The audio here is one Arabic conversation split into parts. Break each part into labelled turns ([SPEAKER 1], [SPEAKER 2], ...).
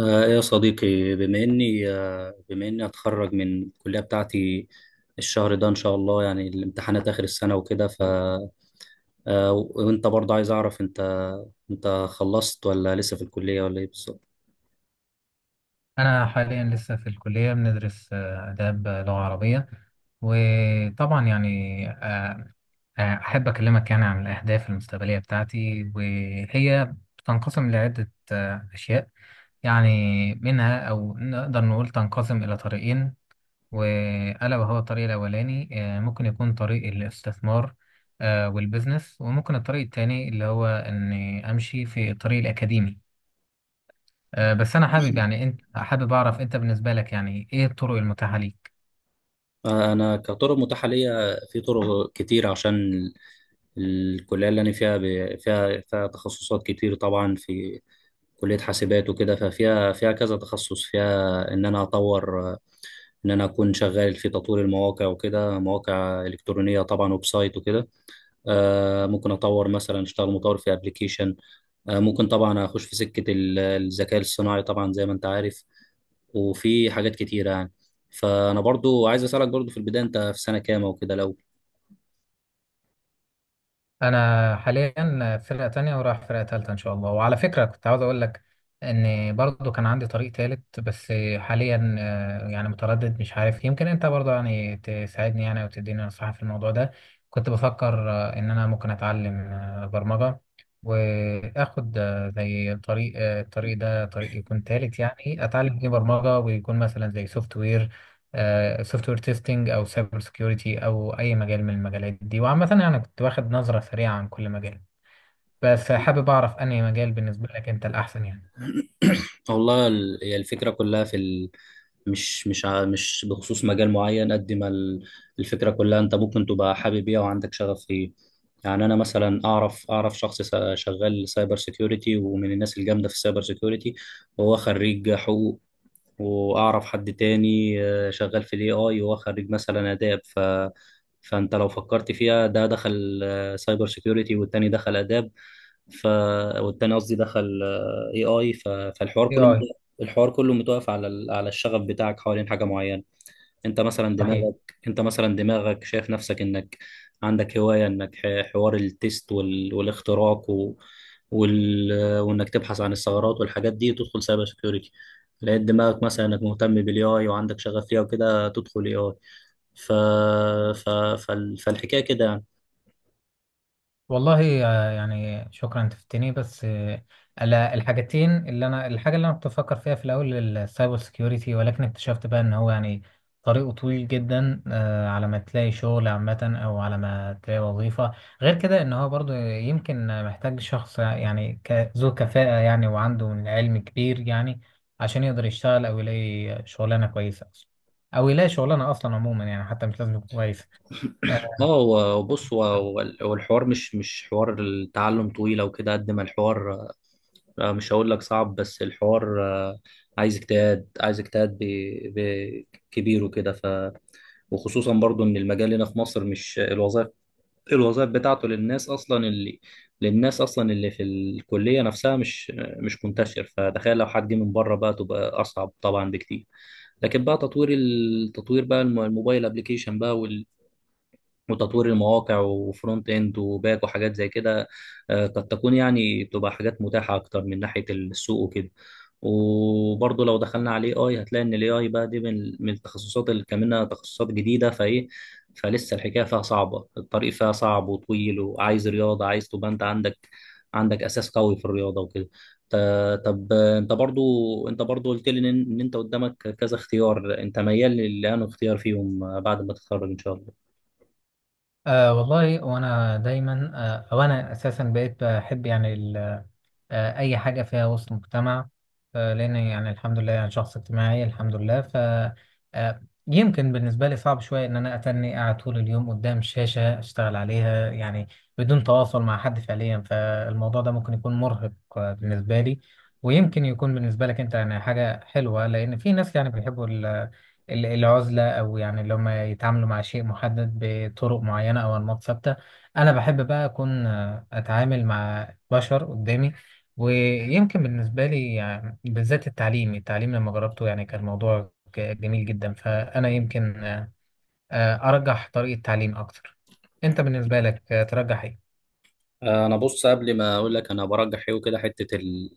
[SPEAKER 1] يا صديقي، بما اني اتخرج من الكليه بتاعتي الشهر ده ان شاء الله، يعني الامتحانات اخر السنه وكده. ف آه، وانت برضه عايز اعرف، انت انت خلصت ولا لسه في الكليه ولا ايه بالظبط؟
[SPEAKER 2] أنا حاليا لسه في الكلية بندرس آداب، لغة عربية. وطبعا يعني أحب أكلمك يعني عن الأهداف المستقبلية بتاعتي، وهي تنقسم لعدة أشياء يعني. منها، أو نقدر نقول تنقسم إلى طريقين، وألا وهو الطريق الأولاني. ممكن يكون طريق الاستثمار، والبزنس، وممكن الطريق التاني اللي هو إني أمشي في الطريق الأكاديمي. بس انا حابب يعني انت حابب اعرف انت بالنسبه لك يعني ايه الطرق المتاحه ليك؟
[SPEAKER 1] انا كطرق متاحه ليا في طرق كتير، عشان الكليه اللي انا فيها فيها تخصصات كتير طبعا، في كليه حاسبات وكده، ففيها كذا تخصص، فيها ان انا اكون شغال في تطوير المواقع وكده، مواقع الكترونيه طبعا، ويب سايت وكده. ممكن اطور مثلا اشتغل مطور في ابلكيشن. ممكن طبعا اخش في سكه الذكاء الصناعي طبعا، زي ما انت عارف، وفي حاجات كتيره يعني. فانا برضو عايز اسالك، برضو في البدايه، انت في سنه كام وكده لو؟
[SPEAKER 2] انا حاليا فرقه تانية ورايح فرقه تالتة ان شاء الله. وعلى فكره كنت عاوز اقول لك ان برضو كان عندي طريق تالت، بس حاليا يعني متردد مش عارف، يمكن انت برضو يعني تساعدني يعني وتديني نصيحه في الموضوع ده. كنت بفكر ان انا ممكن اتعلم برمجه، واخد آه، زي طريق آه، الطريق ده طريق يكون تالت يعني، اتعلم فيه برمجه ويكون مثلا زي سوفت وير، سوفت وير تيستنج، او سايبر سكيورتي، او اي مجال من المجالات دي. وعامه يعني كنت واخد نظره سريعه عن كل مجال، بس حابب اعرف انهي مجال بالنسبه لك انت الاحسن يعني.
[SPEAKER 1] والله، هي الفكره كلها في ال... مش مش ع- مش بخصوص مجال معين قد ما الفكرة كلها انت ممكن تبقى حابب ايه وعندك شغف فيه. يعني انا مثلا اعرف شغال سايبر سيكيورتي ومن الناس الجامدة في السايبر سيكيورتي، وهو خريج حقوق. واعرف حد تاني شغال في الاي اي وهو خريج مثلا اداب. فانت لو فكرت فيها، ده دخل سايبر سيكيورتي والتاني دخل اداب، ف والتاني قصدي دخل اي اي. فالحوار
[SPEAKER 2] اي
[SPEAKER 1] كله
[SPEAKER 2] اي.
[SPEAKER 1] متوقف، الحوار كله متوقف على على الشغف بتاعك حوالين حاجه معينه. انت مثلا
[SPEAKER 2] صحيح.
[SPEAKER 1] دماغك انت مثلا دماغك شايف نفسك انك عندك هوايه، حوار التيست والاختراق وال... وانك تبحث عن الثغرات والحاجات دي، تدخل سايبر سيكيورتي. لقيت دماغك مثلا انك مهتم بالاي اي وعندك شغف ليها وكده، تدخل اي اي. ف... ف... فال... فالحكايه كده يعني.
[SPEAKER 2] والله يعني شكرا، انت فتني. بس على الحاجتين، اللي انا الحاجه اللي انا كنت بفكر فيها في الاول السايبر سكيورتي، ولكن اكتشفت بقى ان هو يعني طريقه طويل جدا على ما تلاقي شغل عامه او على ما تلاقي وظيفه. غير كده ان هو برضو يمكن محتاج شخص يعني ذو كفاءه يعني، وعنده من علم كبير يعني، عشان يقدر يشتغل او يلاقي شغلانه كويسه اصلا، او يلاقي شغلانه اصلا عموما يعني حتى مش لازم يكون كويس. آه،
[SPEAKER 1] بص، هو الحوار، مش حوار التعلم طويل او كده، قد ما الحوار مش هقول لك صعب، بس الحوار عايز اجتهاد، كبير وكده. وخصوصا برضو ان المجال هنا في مصر مش الوظائف، الوظائف بتاعته للناس اصلا اللي في الكليه نفسها، مش منتشر، فتخيل لو حد جه من بره بقى، تبقى اصعب طبعا بكتير. لكن بقى التطوير بقى، الموبايل ابلكيشن بقى، وتطوير المواقع وفرونت اند وباك وحاجات زي كده، قد تكون يعني، بتبقى حاجات متاحة أكتر من ناحية السوق وكده. وبرضه لو دخلنا على الاي اي، هتلاقي ان الاي اي بقى دي من التخصصات اللي كمان تخصصات جديدة فايه، فلسه الحكاية فيها صعبة، الطريق فيها صعب وطويل، وعايز رياضة، عايز تبقى انت عندك أساس قوي في الرياضة وكده. طب انت برضو، قلت لي ان انت قدامك كذا اختيار، انت ميال لانه اختيار فيهم بعد ما تتخرج ان شاء الله؟
[SPEAKER 2] أه والله. وأنا دايما أه أو أنا أساسا بقيت بحب يعني أي حاجة فيها وسط مجتمع، لأن يعني الحمد لله يعني شخص اجتماعي الحمد لله. ف يمكن بالنسبة لي صعب شوية إن أنا أتني قاعد طول اليوم قدام شاشة أشتغل عليها يعني، بدون تواصل مع حد فعليا. فالموضوع ده ممكن يكون مرهق بالنسبة لي، ويمكن يكون بالنسبة لك أنت يعني حاجة حلوة، لأن في ناس يعني بيحبوا العزلة، أو يعني اللي هم يتعاملوا مع شيء محدد بطرق معينة أو أنماط ثابتة. أنا بحب بقى أكون أتعامل مع بشر قدامي. ويمكن بالنسبة لي يعني بالذات التعليم، التعليم لما جربته يعني كان الموضوع جميل جدا. فأنا يمكن أرجح طريقة تعليم أكتر. أنت بالنسبة لك ترجح إيه؟
[SPEAKER 1] انا بص، قبل ما اقول لك انا برجح ايه وكده، حته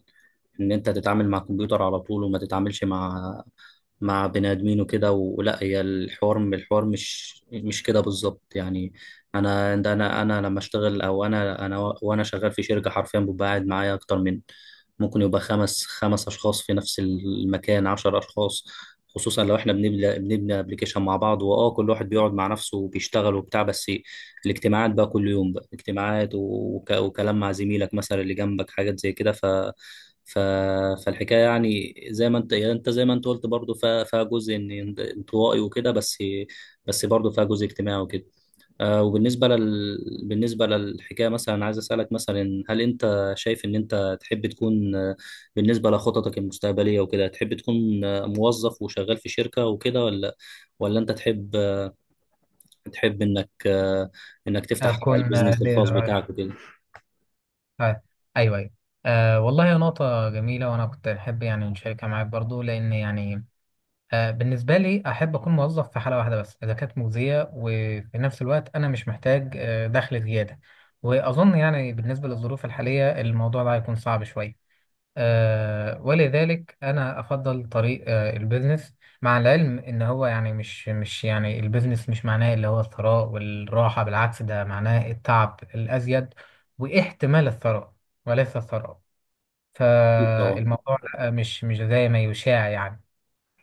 [SPEAKER 1] ان انت تتعامل مع الكمبيوتر على طول وما تتعاملش مع بني ادمين وكده، ولا هي، الحوار مش كده بالظبط يعني. انا ده، انا لما اشتغل، او انا انا وانا شغال في شركه، حرفيا ببقى قاعد معايا اكتر من، ممكن يبقى خمس اشخاص في نفس المكان، عشر اشخاص، خصوصا لو احنا بنبني ابلكيشن مع بعض. كل واحد بيقعد مع نفسه وبيشتغل وبتاع، بس الاجتماعات بقى كل يوم بقى اجتماعات، وكلام مع زميلك مثلا اللي جنبك، حاجات زي كده. ف... فالحكايه يعني زي ما انت، يعني انت زي ما انت قلت برضو، فيها جزء انطوائي وكده، بس برضو فيها جزء اجتماعي وكده. وبالنسبه بالنسبه للحكايه مثلا، عايز اسالك مثلا، هل انت شايف ان انت تحب تكون بالنسبه لخططك المستقبليه وكده، تحب تكون موظف وشغال في شركه وكده، ولا انت تحب انك انك تفتح
[SPEAKER 2] أكون
[SPEAKER 1] البيزنس
[SPEAKER 2] ليا
[SPEAKER 1] الخاص
[SPEAKER 2] رأي.
[SPEAKER 1] بتاعك وكده؟
[SPEAKER 2] آه، أيوه، أيوه. والله يا نقطة جميلة، وأنا كنت أحب يعني نشاركها معاك برضو. لأن يعني بالنسبة لي أحب أكون موظف في حالة واحدة بس، إذا كانت مجزية وفي نفس الوقت أنا مش محتاج دخل زيادة. وأظن يعني بالنسبة للظروف الحالية الموضوع ده هيكون صعب شوية. آه، ولذلك أنا أفضل طريق آه البيزنس، مع العلم إن هو يعني مش مش يعني البيزنس مش معناه اللي هو الثراء والراحة. بالعكس، ده معناه التعب الأزيد واحتمال الثراء، وليس الثراء.
[SPEAKER 1] أكيد طبعا.
[SPEAKER 2] فالموضوع لأ، مش زي ما يشاع يعني.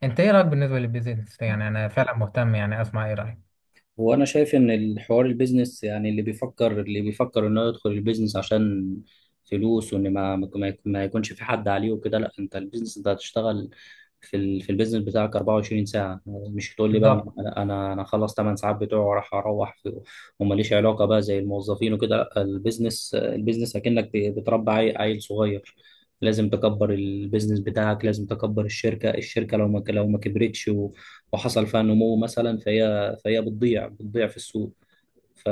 [SPEAKER 2] أنت إيه رأيك بالنسبة للبيزنس؟ يعني أنا فعلا مهتم يعني أسمع إيه رأيك.
[SPEAKER 1] هو انا شايف ان الحوار البيزنس يعني، اللي بيفكر انه يدخل البيزنس عشان فلوس، وان ما يكونش في حد عليه وكده، لا. انت البيزنس، انت هتشتغل في في البيزنس بتاعك 24 ساعة، مش هتقول لي بقى انا
[SPEAKER 2] بالظبط.
[SPEAKER 1] انا انا أنا خلص 8 ساعات بتوعي وراح اروح وماليش علاقة بقى زي الموظفين وكده. لا، البيزنس، عيل صغير، لازم تكبر البيزنس بتاعك، لازم تكبر الشركة، الشركة لو ما كبرتش وحصل فيها نمو مثلا، فهي بتضيع في السوق. ف...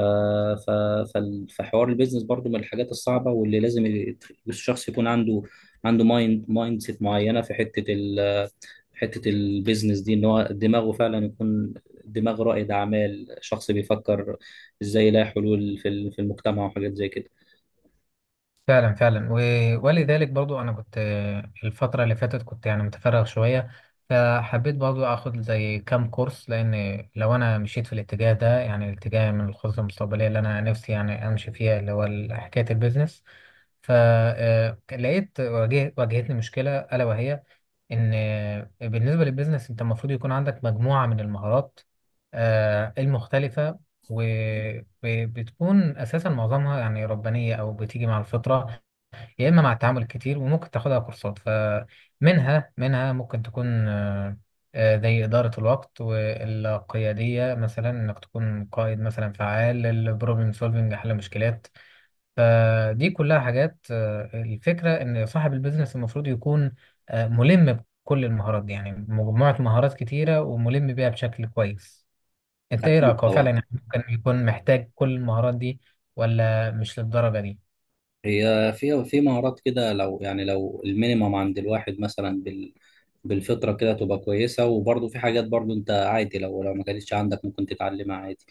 [SPEAKER 1] ف... فحوار البيزنس برضو من الحاجات الصعبة، واللي لازم الشخص يكون عنده مايند سيت معينة في حتة حتة البيزنس دي، ان هو دماغه فعلا يكون دماغ رائد أعمال، شخص بيفكر ازاي يلاقي حلول في في المجتمع وحاجات زي كده.
[SPEAKER 2] فعلا، فعلا. ولذلك برضو انا كنت الفتره اللي فاتت كنت يعني متفرغ شويه، فحبيت برضو اخد زي كام كورس. لان لو انا مشيت في الاتجاه ده يعني الاتجاه من الخطط المستقبليه اللي انا نفسي يعني امشي فيها اللي هو حكايه البيزنس، فلقيت واجهتني مشكله الا وهي ان بالنسبه للبيزنس انت المفروض يكون عندك مجموعه من المهارات المختلفه، وبتكون اساسا معظمها يعني ربانيه او بتيجي مع الفطره، يا اما مع التعامل كتير، وممكن تاخدها كورسات. فمنها منها ممكن تكون زي اداره الوقت والقياديه، مثلا انك تكون قائد مثلا فعال، البروبلم سولفنج حل مشكلات. فدي كلها حاجات الفكره ان صاحب البيزنس المفروض يكون ملم بكل المهارات دي يعني، مجموعه مهارات كتيره وملم بيها بشكل كويس. انت ايه رايك؟
[SPEAKER 1] أكيد
[SPEAKER 2] هو فعلا
[SPEAKER 1] طبعا.
[SPEAKER 2] يعني ممكن يكون محتاج كل المهارات دي، ولا مش للدرجه دي؟
[SPEAKER 1] هي في مهارات كده، لو يعني، المينيمم عند الواحد مثلا، بالفطرة كده تبقى كويسة، وبرضه في حاجات برضه انت عادي، لو ما كانتش عندك، ممكن تتعلمها عادي.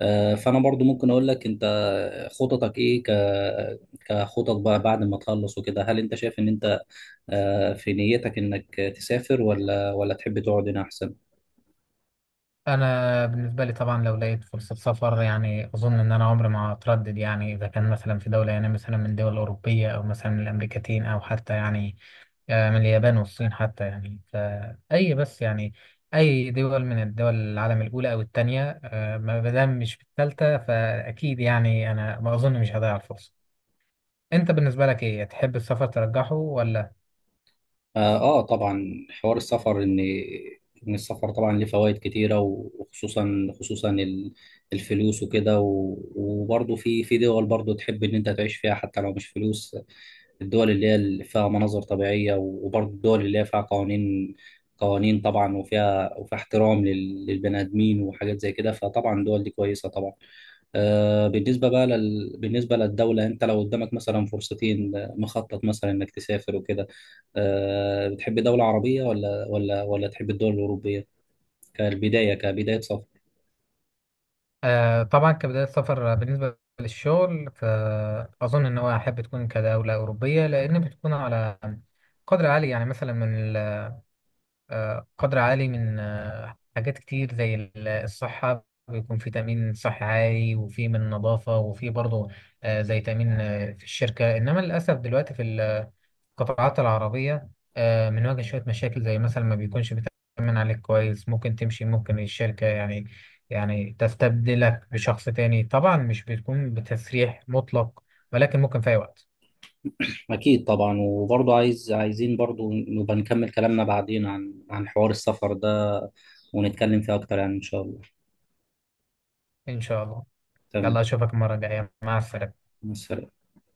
[SPEAKER 1] فانا برضه ممكن اقول لك، انت خططك ايه، كخطط بقى بعد ما تخلص وكده؟ هل انت شايف ان انت في نيتك انك تسافر، ولا تحب تقعد هنا احسن؟
[SPEAKER 2] انا بالنسبه لي طبعا لو لقيت فرصه سفر يعني اظن ان انا عمري ما هتردد يعني. اذا كان مثلا في دوله يعني مثلا من دول اوروبيه، او مثلا من الامريكتين، او حتى يعني من اليابان والصين حتى يعني، فاي بس يعني اي دول من الدول العالم الاولى او الثانيه، ما دام مش في الثالثه، فاكيد يعني انا ما اظن مش هضيع الفرصه. انت بالنسبه لك ايه تحب السفر ترجحه ولا؟
[SPEAKER 1] طبعا، حوار السفر، إن السفر طبعا ليه فوائد كتيرة، وخصوصا، الفلوس وكده، وبرضه في دول برضه تحب إن أنت تعيش فيها حتى لو مش فلوس، الدول اللي اللي فيها مناظر طبيعية، وبرضه الدول اللي هي فيها قوانين، قوانين طبعا، وفيها احترام للبني آدمين وحاجات زي كده، فطبعا الدول دي كويسة طبعا. بالنسبة بقى بالنسبة للدولة، أنت لو قدامك مثلا فرصتين، مخطط مثلا إنك تسافر وكده، بتحب دولة عربية ولا تحب الدول الأوروبية، كبداية سفر؟
[SPEAKER 2] طبعا كبداية سفر بالنسبة للشغل، فأظن إن هو أحب تكون كدولة أوروبية، لأن بتكون على قدر عالي يعني مثلا من قدر عالي من حاجات كتير زي الصحة. بيكون في تأمين صحي عالي، وفي من نظافة، وفي برضه زي تأمين في الشركة. إنما للأسف دلوقتي في ال القطاعات العربية بنواجه شوية مشاكل، زي مثلا ما بيكونش بيتأمن عليك كويس، ممكن تمشي، ممكن الشركة يعني يعني تستبدلك بشخص تاني. طبعا مش بتكون بتسريح مطلق، ولكن ممكن في أي وقت.
[SPEAKER 1] أكيد طبعا. وبرضه عايزين برضه نبقى نكمل كلامنا بعدين عن حوار السفر ده، ونتكلم فيه أكتر، يعني إن شاء الله.
[SPEAKER 2] إن شاء الله.
[SPEAKER 1] تمام،
[SPEAKER 2] يلا أشوفك المرة الجاية. مع السلامة.
[SPEAKER 1] مع السلامة.